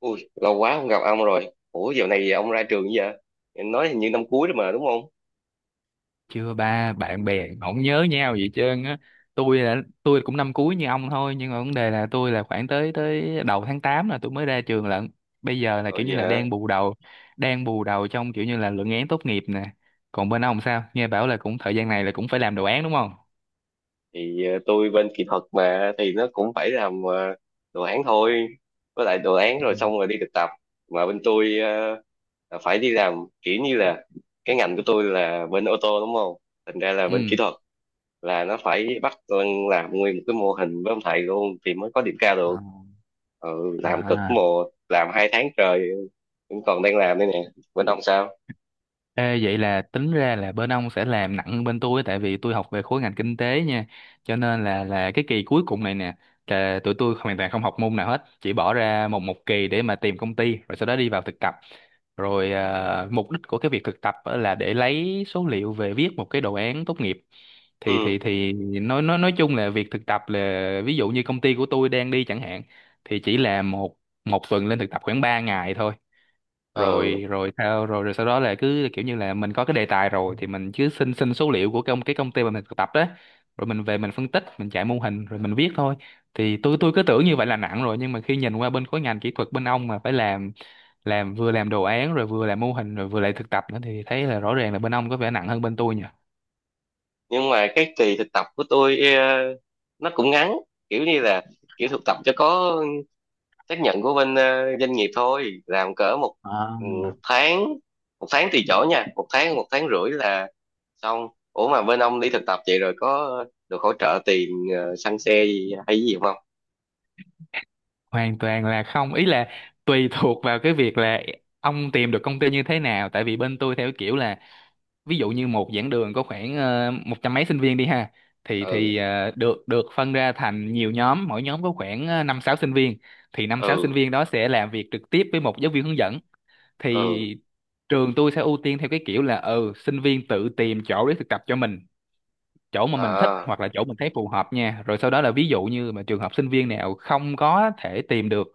Ui, lâu quá không gặp ông rồi. Ủa, dạo này ông ra trường giờ? Em nói hình như năm cuối đó mà, đúng không? Chưa, ba. Bạn bè không nhớ nhau gì hết trơn á. tôi là tôi cũng năm cuối như ông thôi, nhưng mà vấn đề là tôi là khoảng tới tới đầu tháng 8 là tôi mới ra trường lận. Bây giờ là Ờ, kiểu như vậy là hả? đang bù đầu, đang bù đầu trong kiểu như là luận án tốt nghiệp nè. Còn bên ông sao, nghe bảo là cũng thời gian này là cũng phải làm đồ án đúng không? Thì tôi bên kỹ thuật mà, thì nó cũng phải làm đồ án thôi. Với lại đồ án Ừ. rồi xong rồi đi thực tập. Mà bên tôi là phải đi làm, kiểu như là cái ngành của tôi là bên ô tô đúng không? Thành ra là bên Ừ. kỹ thuật là nó phải bắt con làm nguyên một cái mô hình với ông thầy luôn thì mới có điểm cao được. Ừ, làm cực À, mồ, làm 2 tháng trời, vẫn còn đang làm đây nè. Bên ông sao? ê, vậy là tính ra là bên ông sẽ làm nặng hơn bên tôi, tại vì tôi học về khối ngành kinh tế nha. Cho nên là cái kỳ cuối cùng này nè là tụi tôi hoàn toàn không học môn nào hết, chỉ bỏ ra một một kỳ để mà tìm công ty rồi sau đó đi vào thực tập. Rồi, à, mục đích của cái việc thực tập á là để lấy số liệu về viết một cái đồ án tốt nghiệp. thì Ừ. thì thì nói chung là việc thực tập là, ví dụ như công ty của tôi đang đi chẳng hạn, thì chỉ là một một tuần lên thực tập khoảng 3 ngày thôi. Ừ. Rồi rồi sao rồi rồi sau đó là cứ kiểu như là mình có cái đề tài rồi thì mình cứ xin xin số liệu của cái công ty mà mình thực tập đó, rồi mình về mình phân tích, mình chạy mô hình rồi mình viết thôi. Thì tôi cứ tưởng như vậy là nặng rồi, nhưng mà khi nhìn qua bên khối ngành kỹ thuật bên ông mà phải làm, vừa làm đồ án rồi vừa làm mô hình rồi vừa lại thực tập nữa, thì thấy là rõ ràng là bên ông có vẻ nặng hơn bên tôi nhỉ. Nhưng mà cái kỳ thực tập của tôi nó cũng ngắn, kiểu như là kiểu thực tập cho có xác nhận của bên doanh nghiệp thôi, làm cỡ một, ừ, tháng, một tháng tùy chỗ nha, một tháng rưỡi là xong. Ủa mà bên ông đi thực tập vậy rồi có được hỗ trợ tiền xăng xe gì hay gì không? Hoàn toàn là không, ý là tùy thuộc vào cái việc là ông tìm được công ty như thế nào, tại vì bên tôi theo kiểu là ví dụ như một giảng đường có khoảng một trăm mấy sinh viên đi ha. thì Ừ. thì ờ, được được phân ra thành nhiều nhóm, mỗi nhóm có khoảng 5 6 sinh viên. Thì năm sáu Ừ. sinh viên đó sẽ làm việc trực tiếp với một giáo viên hướng dẫn. Ừ. Thì trường tôi sẽ ưu tiên theo cái kiểu là, ừ, sinh viên tự tìm chỗ để thực tập cho mình, chỗ mà mình thích À. hoặc là chỗ mình thấy phù hợp nha, rồi sau đó là, ví dụ như mà trường hợp sinh viên nào không có thể tìm được,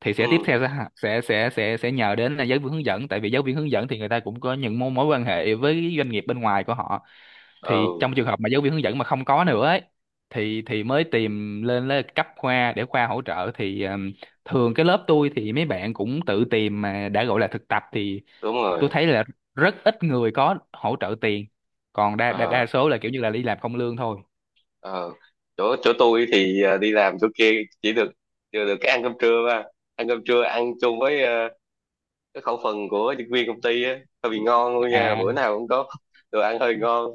thì sẽ tiếp Ừ. theo sẽ nhờ đến là giáo viên hướng dẫn, tại vì giáo viên hướng dẫn thì người ta cũng có những mối mối quan hệ với doanh nghiệp bên ngoài của họ. Thì Ừ. trong trường hợp mà giáo viên hướng dẫn mà không có nữa ấy, thì mới tìm lên lên cấp khoa để khoa hỗ trợ. Thì thường cái lớp tôi thì mấy bạn cũng tự tìm, mà đã gọi là thực tập thì Đúng tôi rồi. thấy là rất ít người có hỗ trợ tiền, còn đa đa, đa À. số là kiểu như là đi làm không lương thôi. Ờ. chỗ chỗ tôi thì đi làm chỗ kia chỉ được, chưa được, cái ăn cơm trưa mà ăn cơm trưa ăn chung với cái khẩu phần của nhân viên công ty á, hơi bị ngon luôn nha, bữa À, nào cũng có đồ ăn hơi ngon.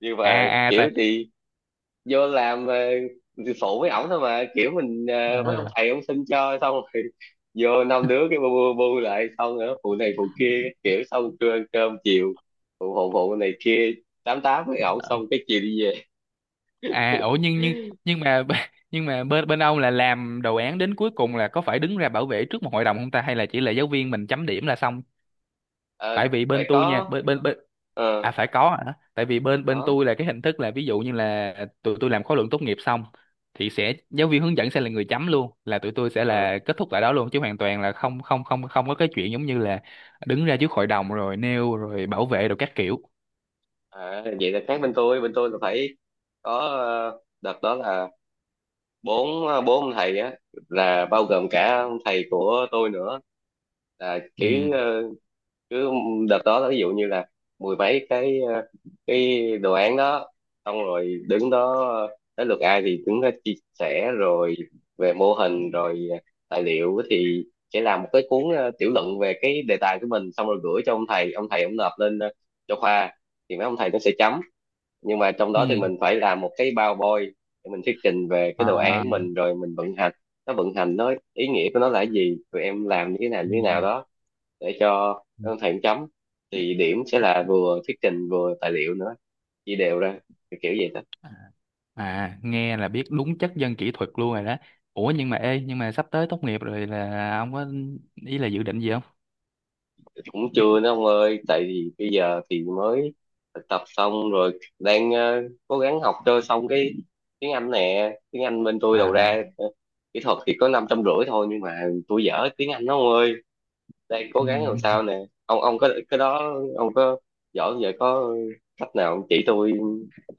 Nhưng mà à, à. kiểu Tại. thì vô làm thì phụ với ổng thôi, mà kiểu mình mấy ông Ờ. thầy ông xin cho xong rồi vô năm đứa cái bu bu, bu lại, xong nữa phụ này phụ kia, kiểu xong trưa ăn cơm chiều phụ phụ phụ này kia, tám tám với ổng, xong cái chiều đi về. À, ủa, nhưng mà b- nhưng mà bên bên ông là làm đồ án đến cuối cùng là có phải đứng ra bảo vệ trước một hội đồng không ta, hay là chỉ là giáo viên mình chấm điểm là xong? Ờ, Tại vì phải bên tôi nha, có. bên bên bên, Ờ, à, phải có hả? Tại vì bên bên có. tôi là cái hình thức là ví dụ như là tụi tôi làm khóa luận tốt nghiệp xong thì sẽ giáo viên hướng dẫn sẽ là người chấm luôn, là tụi tôi sẽ Ờ. là kết thúc tại đó luôn, chứ hoàn toàn là không không không không có cái chuyện giống như là đứng ra trước hội đồng rồi nêu rồi bảo vệ rồi các kiểu. À, vậy là khác Bên tôi là phải có đợt đó là bốn ông thầy á, là bao gồm cả ông thầy của tôi nữa, là Ừ. kiểu cứ đợt đó ví dụ như là mười mấy cái cái đồ án đó, xong rồi đứng đó tới lượt ai thì đứng đó chia sẻ rồi về mô hình rồi tài liệu thì sẽ làm một cái cuốn tiểu luận về cái đề tài của mình, xong rồi gửi cho ông thầy, ông nộp lên cho khoa, thì mấy ông thầy nó sẽ chấm. Nhưng mà trong đó thì Ừ. mình phải làm một cái PowerPoint để mình thuyết trình về cái đồ À, án mình rồi mình vận hành nó, vận hành nó, ý nghĩa của nó là cái gì, tụi em làm như thế nào ừ. đó, để cho Ừ. đơn thầy chấm. Thì điểm sẽ là vừa thuyết trình vừa tài liệu nữa, chia đều ra, kiểu kiểu vậy đó. À. À, nghe là biết đúng chất dân kỹ thuật luôn rồi đó. Ủa nhưng mà, ê, nhưng mà sắp tới tốt nghiệp rồi là ông có, ý là, dự định gì không? Cũng chưa nữa ông ơi, tại vì bây giờ thì mới thực tập xong rồi, đang cố gắng học cho xong cái tiếng Anh nè. Tiếng Anh bên tôi đầu À, ra kỹ thuật thì có 550 thôi, nhưng mà tôi dở tiếng Anh đó ông ơi, đang cố ừ, gắng làm sao nè. Ông có cái đó, ông có giỏi không vậy, có cách nào ông chỉ tôi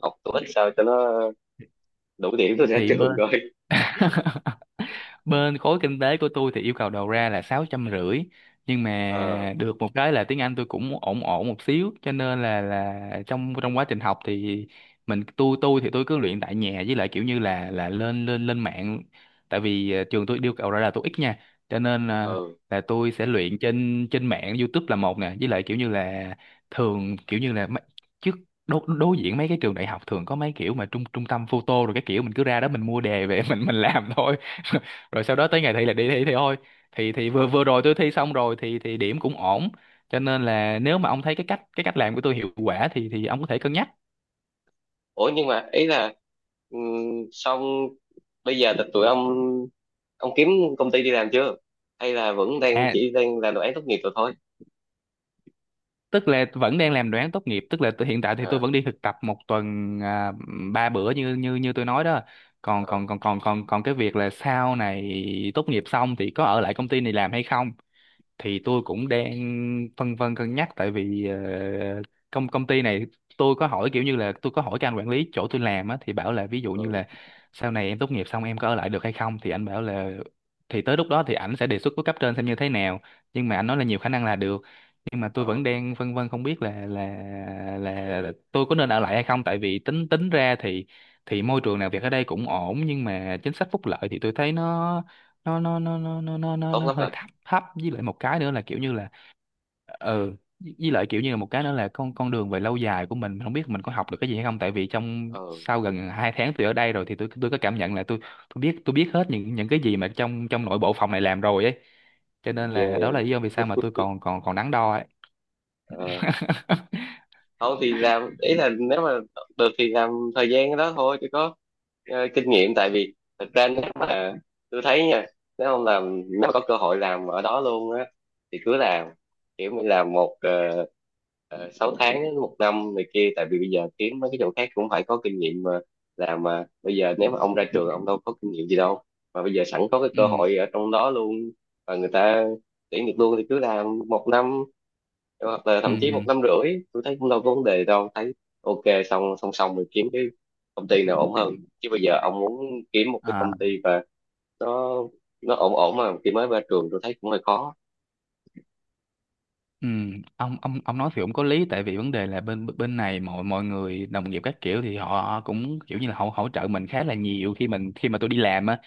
học, tôi ít, sao cho nó đủ điểm tôi ra thì bên trường coi. bên khối kinh tế của tôi thì yêu cầu đầu ra là 650. Nhưng Ờ. mà được một cái là tiếng Anh tôi cũng ổn ổn một xíu, cho nên là trong trong quá trình học thì mình tôi thì tôi cứ luyện tại nhà, với lại kiểu như là lên lên lên mạng. Tại vì trường tôi yêu cầu ra là tôi ít nha, cho nên là Ừ. là tôi sẽ luyện trên trên mạng YouTube là một nè, với lại kiểu như là thường kiểu như là mấy- trước đối diện mấy cái trường đại học thường có mấy kiểu mà trung trung tâm photo, rồi cái kiểu mình cứ ra đó mình mua đề về mình làm thôi. Rồi sau đó tới ngày thi là đi thi thì thôi. Thì vừa Ủa. vừa rồi tôi thi xong rồi thì điểm cũng ổn. Cho nên là nếu mà ông thấy cái cách làm của tôi hiệu quả thì ông có thể cân nhắc. Nhưng mà ý là, ừm, xong bây giờ là tụi ông kiếm công ty đi làm chưa hay là vẫn đang, À, chỉ đang là đồ án tốt nghiệp rồi thôi? tức là vẫn đang làm đoán tốt nghiệp, tức là hiện tại thì Ờ. tôi vẫn đi thực tập một tuần, à, 3 bữa như như như tôi nói đó. còn Ờ. còn còn còn còn còn cái việc là sau này tốt nghiệp xong thì có ở lại công ty này làm hay không, thì tôi cũng đang phân vân cân nhắc, tại vì công công ty này tôi có hỏi kiểu như là, tôi có hỏi cái anh quản lý chỗ tôi làm á thì bảo là, ví dụ Ờ. như là sau này em tốt nghiệp xong em có ở lại được hay không, thì anh bảo là thì tới lúc đó thì ảnh sẽ đề xuất với cấp trên xem như thế nào, nhưng mà anh nói là nhiều khả năng là được. Nhưng mà tôi Ờ, vẫn đang phân vân, không biết là tôi có nên ở lại hay không, tại vì tính tính ra thì môi trường làm việc ở đây cũng ổn, nhưng mà chính sách phúc lợi thì tôi thấy tốt nó lắm hơi rồi. thấp thấp, với lại một cái nữa là kiểu như là, ừ, với lại kiểu như là một cái nữa là con đường về lâu dài của mình không biết mình có học được cái gì hay không, tại vì trong Ờ. sau gần 2 tháng tôi ở đây rồi thì tôi có cảm nhận là tôi biết hết những cái gì mà trong trong nội bộ phòng này làm rồi ấy, cho nên là đó là Ghê. lý do vì sao mà tôi còn còn còn đắn đo ấy. Không thì làm, ý là nếu mà được thì làm thời gian đó thôi chứ có kinh nghiệm. Tại vì thật ra nếu mà, tôi thấy nha, nếu không làm, nếu mà có cơ hội làm ở đó luôn á thì cứ làm, kiểu mình làm một, 6 tháng đến một năm này kia, tại vì bây giờ kiếm mấy cái chỗ khác cũng phải có kinh nghiệm mà. Làm mà bây giờ nếu mà ông ra trường ông đâu có kinh nghiệm gì đâu, mà bây giờ sẵn có cái Ừ. cơ hội ở trong đó luôn và người ta tuyển được luôn thì cứ làm một năm, hoặc là thậm chí một Ừ. năm rưỡi tôi thấy cũng đâu có vấn đề đâu thấy. Ok, xong song song mình kiếm cái công ty nào ổn hơn, chứ bây giờ ông muốn kiếm một cái À. công ty và nó nó ổn ổn mà khi mới ra trường tôi thấy cũng hơi khó. Ừ, ông nói thì cũng có lý, tại vì vấn đề là bên bên này mọi mọi người đồng nghiệp các kiểu thì họ cũng kiểu như là họ hỗ trợ mình khá là nhiều, khi mình, khi mà tôi đi làm á,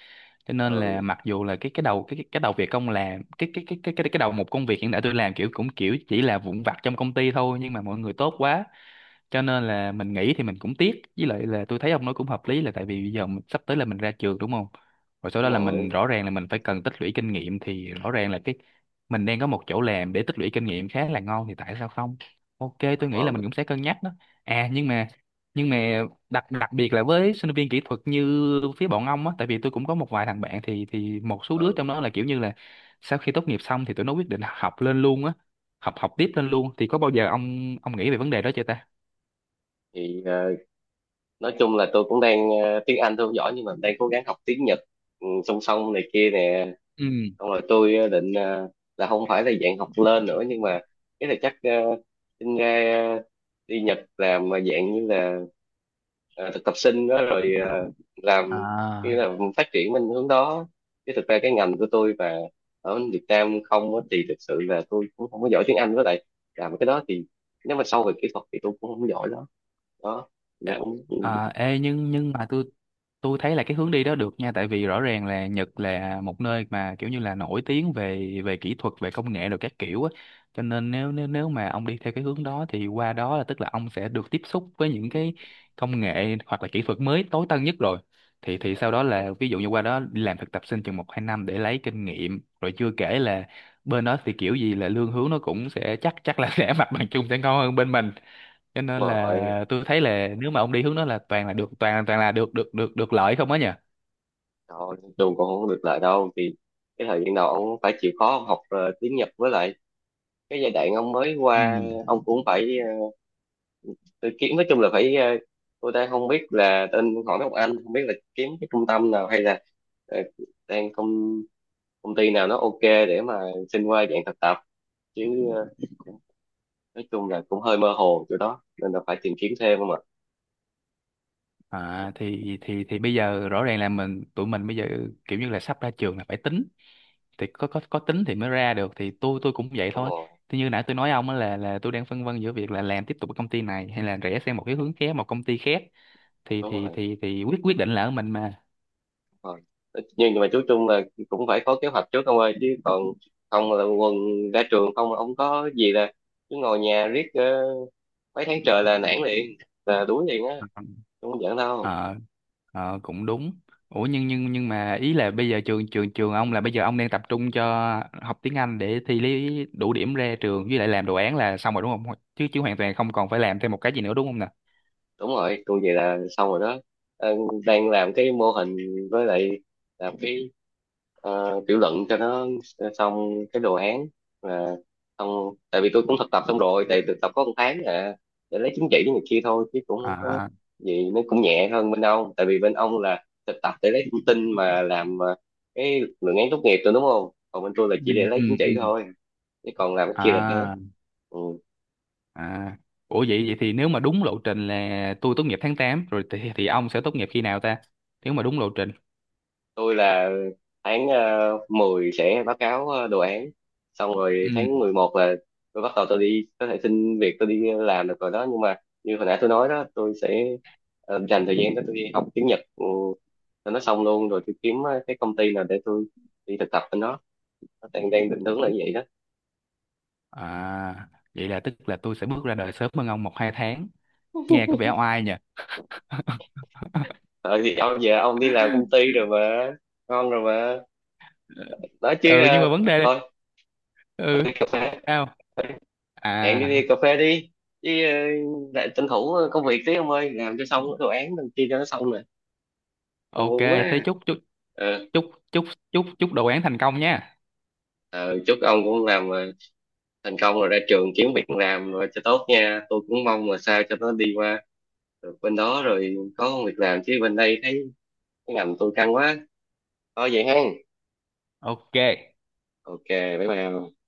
cho nên là Ừ. mặc dù là cái đầu việc công làm cái một công việc hiện tại tôi làm kiểu cũng kiểu chỉ là vụn vặt trong công ty thôi, nhưng mà mọi người tốt quá, cho nên là mình nghỉ thì mình cũng tiếc, với lại là tôi thấy ông nói cũng hợp lý, là tại vì bây giờ mình, sắp tới là mình ra trường đúng không, rồi sau Đúng đó là mình rồi. rõ ràng là mình phải cần tích lũy kinh nghiệm, thì rõ ràng là cái mình đang có một chỗ làm để tích lũy kinh nghiệm khá là ngon, thì tại sao không? OK, Đúng tôi nghĩ là rồi. mình cũng sẽ cân nhắc đó. À, nhưng mà, nhưng mà đặc đặc biệt là với sinh viên kỹ thuật như phía bọn ông á, tại vì tôi cũng có một vài thằng bạn, thì một số đứa trong Ừ. đó là kiểu như là sau khi tốt nghiệp xong thì tụi nó quyết định học lên luôn á, học học tiếp lên luôn. Thì có bao giờ ông nghĩ về vấn đề đó chưa ta? Thì nói chung là tôi cũng đang tiếng Anh tôi không giỏi nhưng mà đang cố gắng học tiếng Nhật, ừ, song song này kia nè. Ừ. Xong rồi tôi định là không phải là dạng học lên nữa nhưng mà cái là chắc xin ra đi Nhật làm mà dạng như là thực tập sinh đó rồi làm như À, là phát triển bên hướng đó, chứ thực ra cái ngành của tôi và ở Việt Nam không á, thì thực sự là tôi cũng không có giỏi tiếng Anh, với lại làm cái đó thì nếu mà sâu về kỹ thuật thì tôi cũng không giỏi đó. Đó. ê- Nên cũng. Nhưng mà tôi thấy là cái hướng đi đó được nha, tại vì rõ ràng là Nhật là một nơi mà kiểu như là nổi tiếng về về kỹ thuật, về công nghệ rồi các kiểu á, cho nên nếu nếu nếu mà ông đi theo cái hướng đó thì qua đó là, tức là ông sẽ được tiếp xúc với những cái công nghệ hoặc là kỹ thuật mới tối tân nhất rồi. Thì sau đó là ví dụ như qua đó đi làm thực tập sinh chừng 1 2 năm để lấy kinh nghiệm, rồi chưa kể là bên đó thì kiểu gì là lương hướng nó cũng sẽ chắc chắc là sẽ, mặt bằng chung sẽ ngon hơn bên mình, cho Đúng nên rồi, là tôi thấy là nếu mà ông đi hướng đó là toàn là được toàn toàn là được được lợi không á nhỉ. rồi trường còn không được lại đâu thì cái thời gian đầu ông phải chịu khó ông học tiếng Nhật, với lại cái giai đoạn ông mới Ừ. qua ông cũng phải tự kiếm, nói chung là phải tôi đang không biết là tên hỏi mấy ông anh, không biết là kiếm cái trung tâm nào hay là ờ, đang công công ty nào nó ok để mà xin qua dạng thực tập, chứ ờ, nói chung là cũng hơi mơ hồ chỗ đó nên là phải tìm kiếm thêm không ạ. À, thì bây giờ rõ ràng là mình, tụi mình bây giờ kiểu như là sắp ra trường là phải tính, thì có tính thì mới ra được, thì tôi cũng vậy Đúng thôi. rồi. Thì như nãy tôi nói ông á, là tôi đang phân vân giữa việc là làm tiếp tục ở công ty này hay là rẽ sang một cái hướng khác, một công ty khác, Đúng rồi. Thì quyết quyết định là ở mình mà. Rồi. Nhưng mà chú Trung là cũng phải có kế hoạch trước ông ơi, chứ còn không là quần ra trường không ông có gì là cứ ngồi nhà riết mấy tháng trời là nản liền, là đuối liền á, ờ không giỡn đâu. ờ, Cũng đúng. Ủa nhưng mà ý là bây giờ trường trường trường ông là bây giờ ông đang tập trung cho học tiếng Anh để thi lý đủ điểm ra trường, với lại làm đồ án là xong rồi đúng không, chứ chứ hoàn toàn không còn phải làm thêm một cái gì nữa đúng không nè? Đúng rồi, tôi vậy là xong rồi đó. Ờ, đang làm cái mô hình với lại làm cái tiểu luận cho nó xong cái đồ án là xong, tại vì tôi cũng thực tập xong rồi, tại thực tập có một tháng à, để lấy chứng chỉ này kia thôi chứ cũng không có À, gì. Nó cũng nhẹ hơn bên ông, tại vì bên ông là thực tập để lấy thông tin mà làm cái luận án tốt nghiệp rồi đúng không, còn bên tôi là ừ, chỉ để lấy ừ, chứng chỉ ừ, thôi, chứ còn làm cái kia là khác. à, Ừ. à. Ủa, vậy vậy thì nếu mà đúng lộ trình là tôi tốt nghiệp tháng 8 rồi, thì ông sẽ tốt nghiệp khi nào ta, nếu mà đúng lộ trình? Tôi là tháng 10 sẽ báo cáo đồ án, xong rồi tháng Ừ, 11 là tôi bắt đầu tôi đi, có thể xin việc, tôi đi làm được rồi đó. Nhưng mà như hồi nãy tôi nói đó, tôi sẽ dành thời gian đó tôi đi học tiếng Nhật, ừ, cho nó xong luôn, rồi tôi kiếm cái công ty nào để tôi đi thực tập bên đó. Nó đang đang định hướng là như vậy đó. à, vậy là tức là tôi sẽ bước ra đời sớm hơn ông 1 2 tháng, nghe có vẻ oai nhỉ. Ờ thì ông giờ ông đi làm công ty rồi mà, ngon rồi mà, nói chứ Ừ, nhưng mà vấn đề đây. thôi tôi Ừ. đi cà phê, Sao? hẹn đi, À. đi cà phê đi, chứ lại tranh thủ công việc tí ông ơi, làm cho xong cái đồ án đăng ký cho nó xong nè, tôi OK, buồn quá thế à. chúc chúc Ờ. chúc chúc chúc chúc đồ án thành công nha. Ờ, chúc ông cũng làm thành công, rồi ra trường kiếm việc làm rồi cho tốt nha, tôi cũng mong là sao cho nó đi qua được bên đó rồi có công việc làm, chứ bên đây thấy cái ngành tôi căng quá. Thôi vậy ha. OK. Ok. Bye bye.